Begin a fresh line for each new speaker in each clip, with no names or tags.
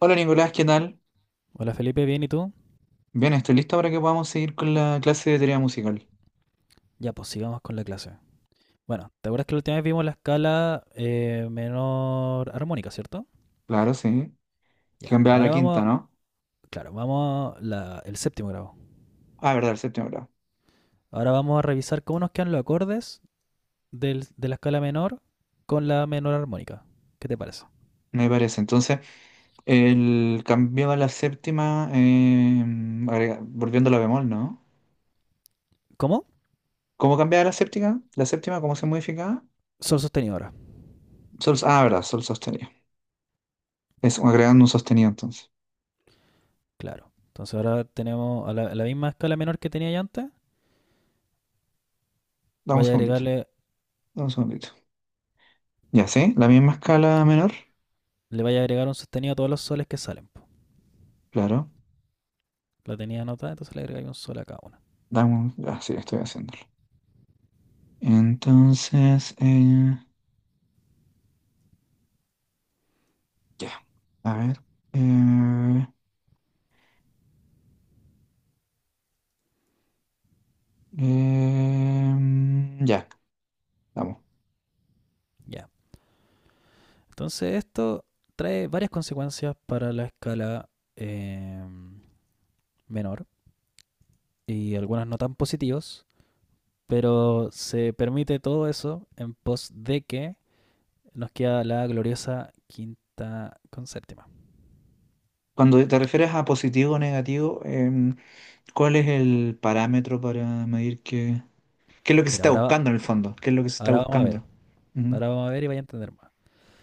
Hola Nicolás, ¿qué tal?
Hola Felipe, ¿bien y tú?
Bien, estoy listo para que podamos seguir con la clase de teoría musical.
Ya, pues sigamos con la clase. Bueno, ¿te acuerdas que la última vez vimos la escala menor armónica? ¿Cierto?
Claro, sí.
Ya,
Cambiaba a la
ahora
quinta,
vamos,
¿no?
claro, vamos a el séptimo grado.
Ah, verdad, el séptimo grado.
Ahora vamos a revisar cómo nos quedan los acordes de la escala menor con la menor armónica. ¿Qué te parece?
Me parece. Entonces, el cambiaba la séptima, agrega- volviendo a la bemol, ¿no?
¿Cómo?
¿Cómo cambiaba la séptima? ¿La séptima cómo se modificaba?
Sol sostenido ahora.
Sol, ah, verdad, sol sostenido. Es agregando un sostenido entonces.
Claro. Entonces ahora tenemos a a la misma escala menor que tenía ya antes.
Dame un
Vaya a
segundito,
agregarle,
dame un segundito. Ya, ¿sí? La misma escala menor.
le vaya a agregar un sostenido a todos los soles que salen, po.
Claro.
La tenía anotada, entonces le agregáis un sol a cada una.
Dame un... Ah, sí, estoy haciéndolo. Entonces, ya. A ver. eh, ya, vamos.
Ya. Entonces esto trae varias consecuencias para la escala eh, menor, y algunas no tan positivas, pero se permite todo eso en pos de que nos queda la gloriosa quinta con séptima.
Cuando te refieres a positivo o negativo, ¿cuál es el parámetro para medir qué, qué es lo que se
Mira,
está buscando en el fondo? ¿Qué es lo que se está
ahora vamos a ver,
buscando? Ujú.
ahora vamos a ver y vaya a entender más.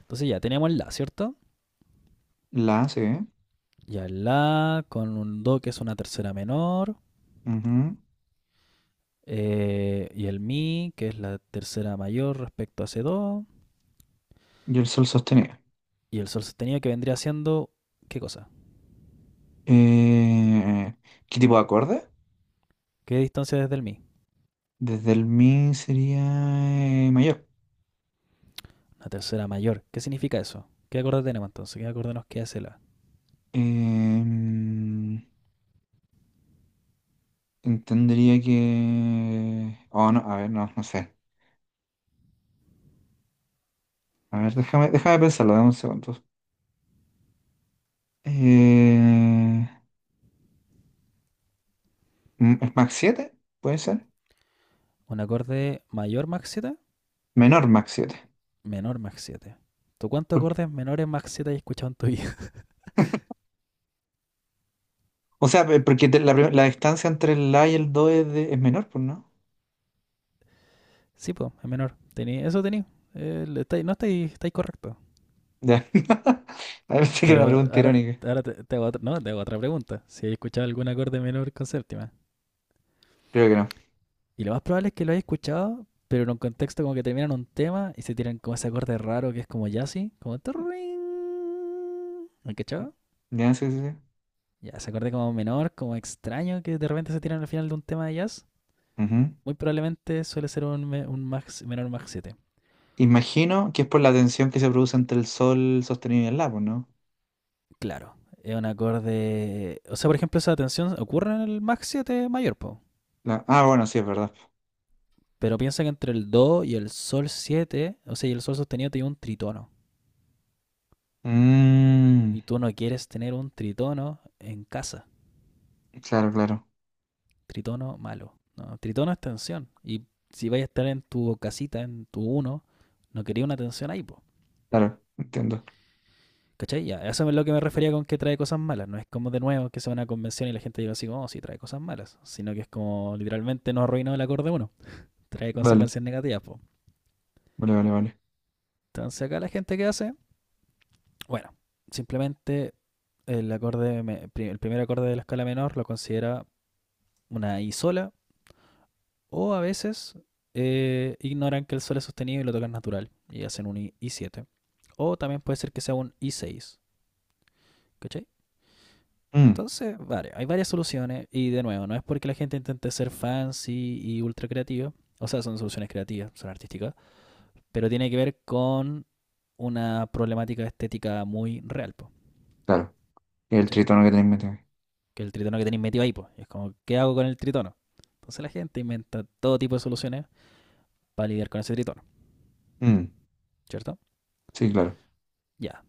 Entonces ya teníamos el La, ¿cierto?
La, sí.
Ya el La con un Do que es una tercera menor,
Ujú.
y el Mi que es la tercera mayor respecto a ese Do.
Y el sol sostenido.
Y el sol sostenido que vendría siendo... ¿Qué cosa?
Eh, ¿Qué tipo de acorde?
¿Qué distancia desde el mi?
Desde el mi sería mayor.
Una tercera mayor. ¿Qué significa eso? ¿Qué acorde tenemos entonces? ¿Qué acorde nos queda la?
Em, entendería que... Oh, no, a ver, no, no sé. A ver, déjame, déjame pensarlo, dame un segundo. Eh, ¿Es Mach 7? ¿Puede ser?
¿Un acorde mayor Mach siete?
Menor Mach siete.
Menor Mach siete. ¿Tú cuántos
¿Por qué?
acordes menores Mach 7 has escuchado en tu vida?
O sea, pe- porque te- la, prim- la distancia entre el A y el 2 es, de- es menor, pues no.
Sí, pues, es menor. Tení, eso tenéis. Eh, no estáis está correcto.
Ya. A ver, sí que era una
Pero
pregunta irónica.
ahora te hago otra, no, te hago otra pregunta. Si has escuchado algún acorde menor con séptima.
Creo que no.
Y lo más probable es que lo hayas escuchado, pero en un contexto como que terminan un tema y se tiran como ese acorde raro que es como jazzy, como turring. ¿Me han cachado?
Ya, sí, sí, sí.
Ya, ese acorde como menor, como extraño que de repente se tiran al final de un tema de jazz.
Ujú.
Muy probablemente suele ser un, un menor Mach siete.
Imagino que es por la tensión que se produce entre el sol sostenido y el lápiz, ¿no?
Claro, es un acorde. O sea, por ejemplo, esa tensión ocurre en el Mach 7 mayor, po.
La- Ah, bueno, sí, es verdad.
Pero piensa que entre el Do y el Sol siete, o sea, y el Sol sostenido, te lleva un tritono.
Mm,
Y tú no quieres tener un tritono en casa.
claro, claro,
Tritono, malo. No, tritono es tensión. Y si vais a estar en tu casita, en tu uno, no quería una tensión ahí, po.
claro, entiendo.
¿Cachai? Ya, eso es lo que me refería con que trae cosas malas. No es como de nuevo que sea una convención y la gente diga así, como, oh, sí, trae cosas malas. Sino que es como literalmente nos arruinó el acorde uno. Trae
Vale,
consecuencias negativas, po.
vale, vale, vale.
Entonces acá la gente qué hace, bueno, simplemente el acorde, el primer acorde de la escala menor lo considera una I sola. O a veces ignoran que el Sol es sostenido y lo tocan natural y hacen un I7. O también puede ser que sea un I6. ¿Cachai?
Mm,
Entonces, vale, hay varias soluciones y de nuevo, no es porque la gente intente ser fancy y ultra creativa, o sea, son soluciones creativas, son artísticas, pero tiene que ver con una problemática estética muy real, po,
claro. El
¿cachai?
tritono que tenés metido.
Que el tritono que tenéis metido ahí, po, es como, ¿qué hago con el tritono? Entonces la gente inventa todo tipo de soluciones para lidiar con ese tritono,
Mm,
¿cierto?
sí, claro.
Ya.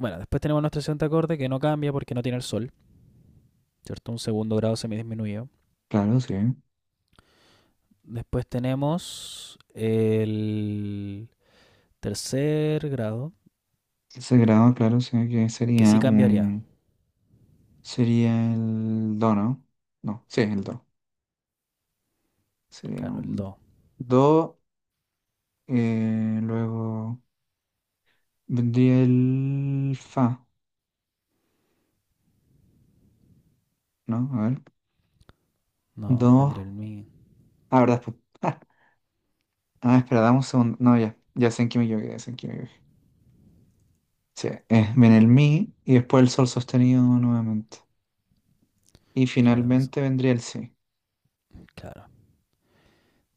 Bueno, después tenemos nuestro siguiente acorde que no cambia porque no tiene el sol, ¿cierto? Un segundo grado semidisminuido.
Claro, sí. El
Después tenemos el tercer grado,
sagrado, claro, sí, que
que sí
sería
cambiaría.
un. Sería el do, ¿no? No, sí, el do. Sería
Claro, el
un
do.
do. Luego vendría el fa, ¿no? A ver.
No,
Do.
vendría el mi.
Ah, ¿verdad? Pues, ah, ah, espera, dame un segundo. No, ya. Ya sé en qué me equivoqué, ya sé en qué me equivoqué. Sí, viene el mi y después el sol sostenido nuevamente. Y
Claro, entonces,
finalmente vendría el si.
claro.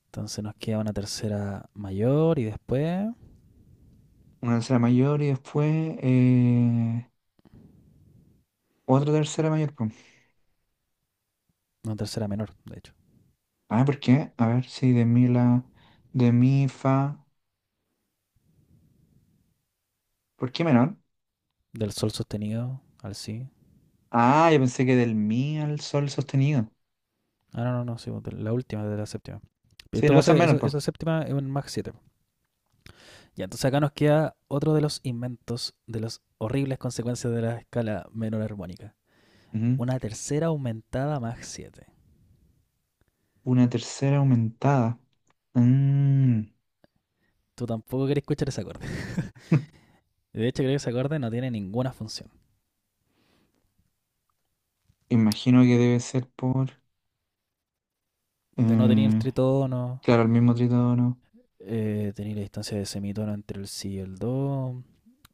Entonces nos queda una tercera mayor y después
Una tercera mayor y después. Otra tercera mayor, po.
una tercera menor, de hecho.
Ah, ¿por qué? A ver, sí, de mi la... De mi fa... ¿Por qué menor?
Del sol sostenido al si.
Ah, yo pensé que del mi al sol sostenido.
Ah, no, no, no, sí, la última de la séptima. En
Sí, no,
todo
esa
caso,
es menor, pues.
esa séptima es un Mach 7. Ya, entonces acá nos queda otro de los inventos de las horribles consecuencias de la escala menor armónica. Una tercera aumentada más 7.
Una tercera aumentada. Mm.
Tú tampoco querés escuchar ese acorde. De hecho, creo que ese acorde no tiene ninguna función.
Imagino que debe ser por...
De no tener el
eh,
tritono,
claro, el mismo tritono.
tener la distancia de semitono entre el si y el do.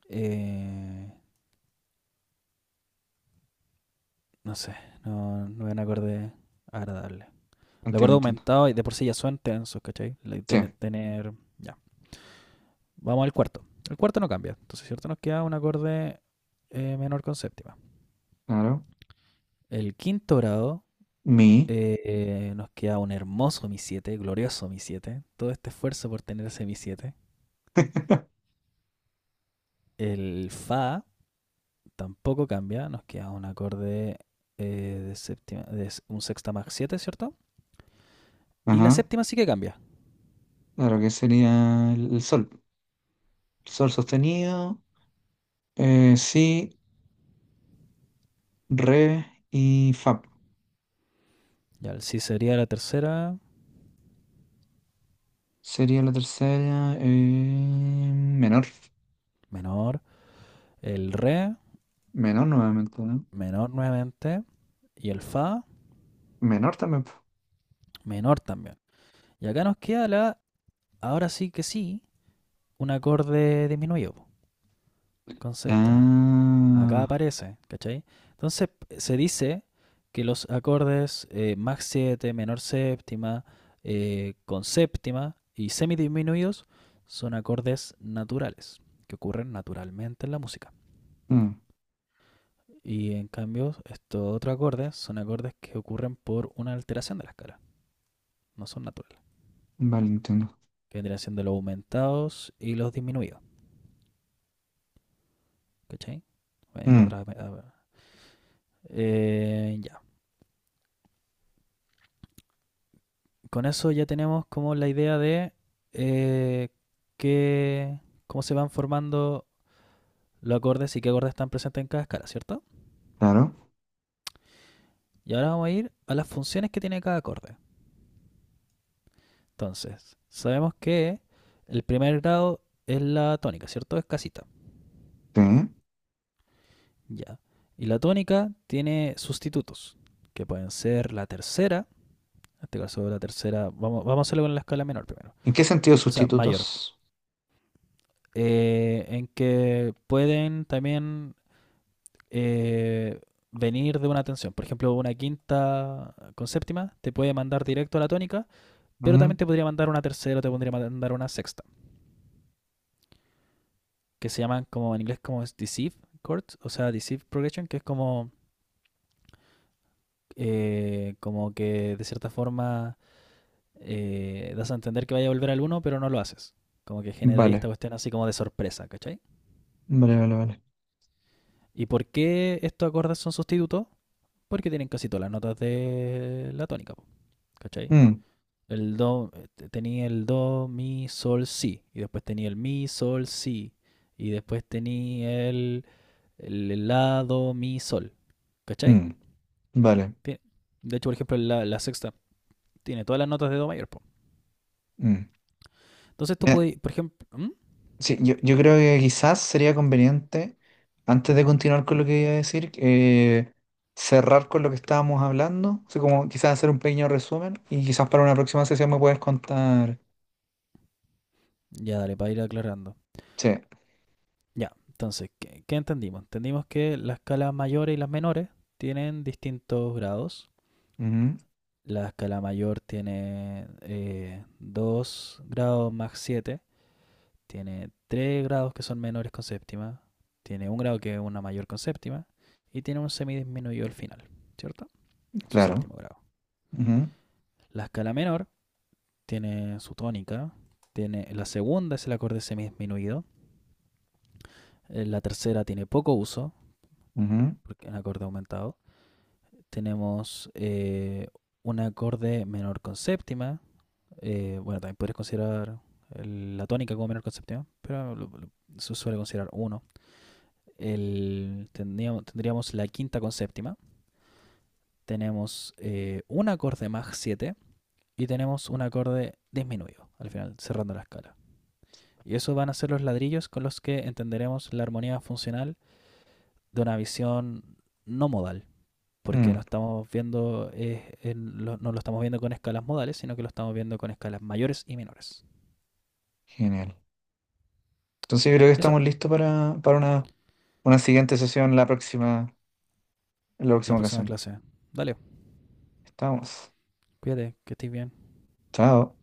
eh, no sé, no es un acorde agradable. El acorde
Entiendo, entiendo.
aumentado y de por sí ya suena tensos, ¿cachai? Like,
Sí,
tener. Ya, vamos al cuarto. El cuarto no cambia. Entonces, ¿cierto? Nos queda un acorde menor con séptima.
claro.
El quinto grado
Mi.
nos queda un hermoso Mi siete, glorioso Mi siete. Todo este esfuerzo por tener ese Mi siete. El Fa tampoco cambia. Nos queda un acorde de séptima, de un sexta más siete, ¿cierto? Y la
Ajá.
séptima sí que cambia.
Claro, que sería el sol. Sol sostenido. Si, re y fa.
Ya el Si sería la tercera,
Sería la tercera. Menor.
menor. El Re,
Menor nuevamente, ¿no?
menor nuevamente. Y el Fa,
Menor también. Po.
menor también. Y acá nos queda la, ahora sí que sí, un acorde disminuido con séptima. Acá
Ah.
aparece, ¿cachai? Entonces se dice que los acordes Mach 7, menor séptima, con séptima y semidisminuidos son acordes naturales, que ocurren naturalmente en la música.
Mm,
Y en cambio, estos otros acordes son acordes que ocurren por una alteración de la escala, no son naturales.
vale, entiendo.
Que vendrían siendo los aumentados y los disminuidos, ¿cachai? Bueno, y los
Mm,
otros. Ya. Con eso ya tenemos como la idea de eh, qué- cómo se van formando los acordes y qué acordes están presentes en cada escala, ¿cierto?
claro.
Y ahora vamos a ir a las funciones que tiene cada acorde. Entonces, sabemos que el primer grado es la tónica, ¿cierto? Es casita.
Sí. ¿En
Ya. Y la tónica tiene sustitutos, que pueden ser la tercera. En este caso, la tercera, vamos a hacerlo con la escala menor primero.
qué sentido
O sea, mayor.
sustitutos?
En que pueden también eh, venir de una tensión. Por ejemplo, una quinta con séptima te puede mandar directo a la tónica, pero también
Mm,
te podría mandar una tercera o te podría mandar una sexta, que se llaman como en inglés como deceive chords, o sea, deceive progression, que es como, como que de cierta forma das a entender que vaya a volver al uno, pero no lo haces. Como que genera ahí esta
vale.
cuestión así como de sorpresa, ¿cachai?
Vale, vale, vale.
¿Y por qué estos acordes son sustitutos? Porque tienen casi todas las notas de la tónica, ¿cachai?
Mm,
El do, tenía el do, mi, sol, si. Y después tenía el mi, sol, si. Y después tenía el la, do, mi, sol. ¿Cachai?
mm, vale.
Tiene- De hecho, por ejemplo, la sexta tiene todas las notas de do mayor, po.
Mm.
Entonces tú
Eh,
puedes, por ejemplo... ¿Mm?
sí, yo creo que quizás sería conveniente, antes de continuar con lo que iba a decir, cerrar con lo que estábamos hablando, así como quizás hacer un pequeño resumen y quizás para una próxima sesión me puedes contar.
Ya, dale, para ir aclarando.
Sí,
Ya, entonces, ¿qué entendimos? Entendimos que las escalas mayores y las menores tienen distintos grados.
ujú,
La escala mayor tiene 2 grados más siete, tiene tres grados que son menores con séptima, tiene un grado que es una mayor con séptima y tiene un semidisminuido al final, ¿cierto? Su
claro.
séptimo grado.
Ujú,
La escala menor tiene su tónica, tiene la segunda es el acorde semidisminuido, la tercera tiene poco uso,
ujú,
porque es un acorde aumentado. Tenemos un acorde menor con séptima, bueno, también podrías considerar la tónica como menor con séptima, pero se suele considerar uno el, tendríamos la quinta con séptima, tenemos un acorde más 7 y tenemos un acorde disminuido al final, cerrando la escala. Y eso van a ser los ladrillos con los que entenderemos la armonía funcional de una visión no modal, porque
mm,
no estamos viendo, no lo estamos viendo con escalas modales, sino que lo estamos viendo con escalas mayores y menores.
genial. Entonces yo creo que
Y eso,
estamos listos para una siguiente sesión la próxima, en la
la
próxima
próxima
ocasión.
clase. Dale,
Estamos.
cuídate, que estés bien.
Chao.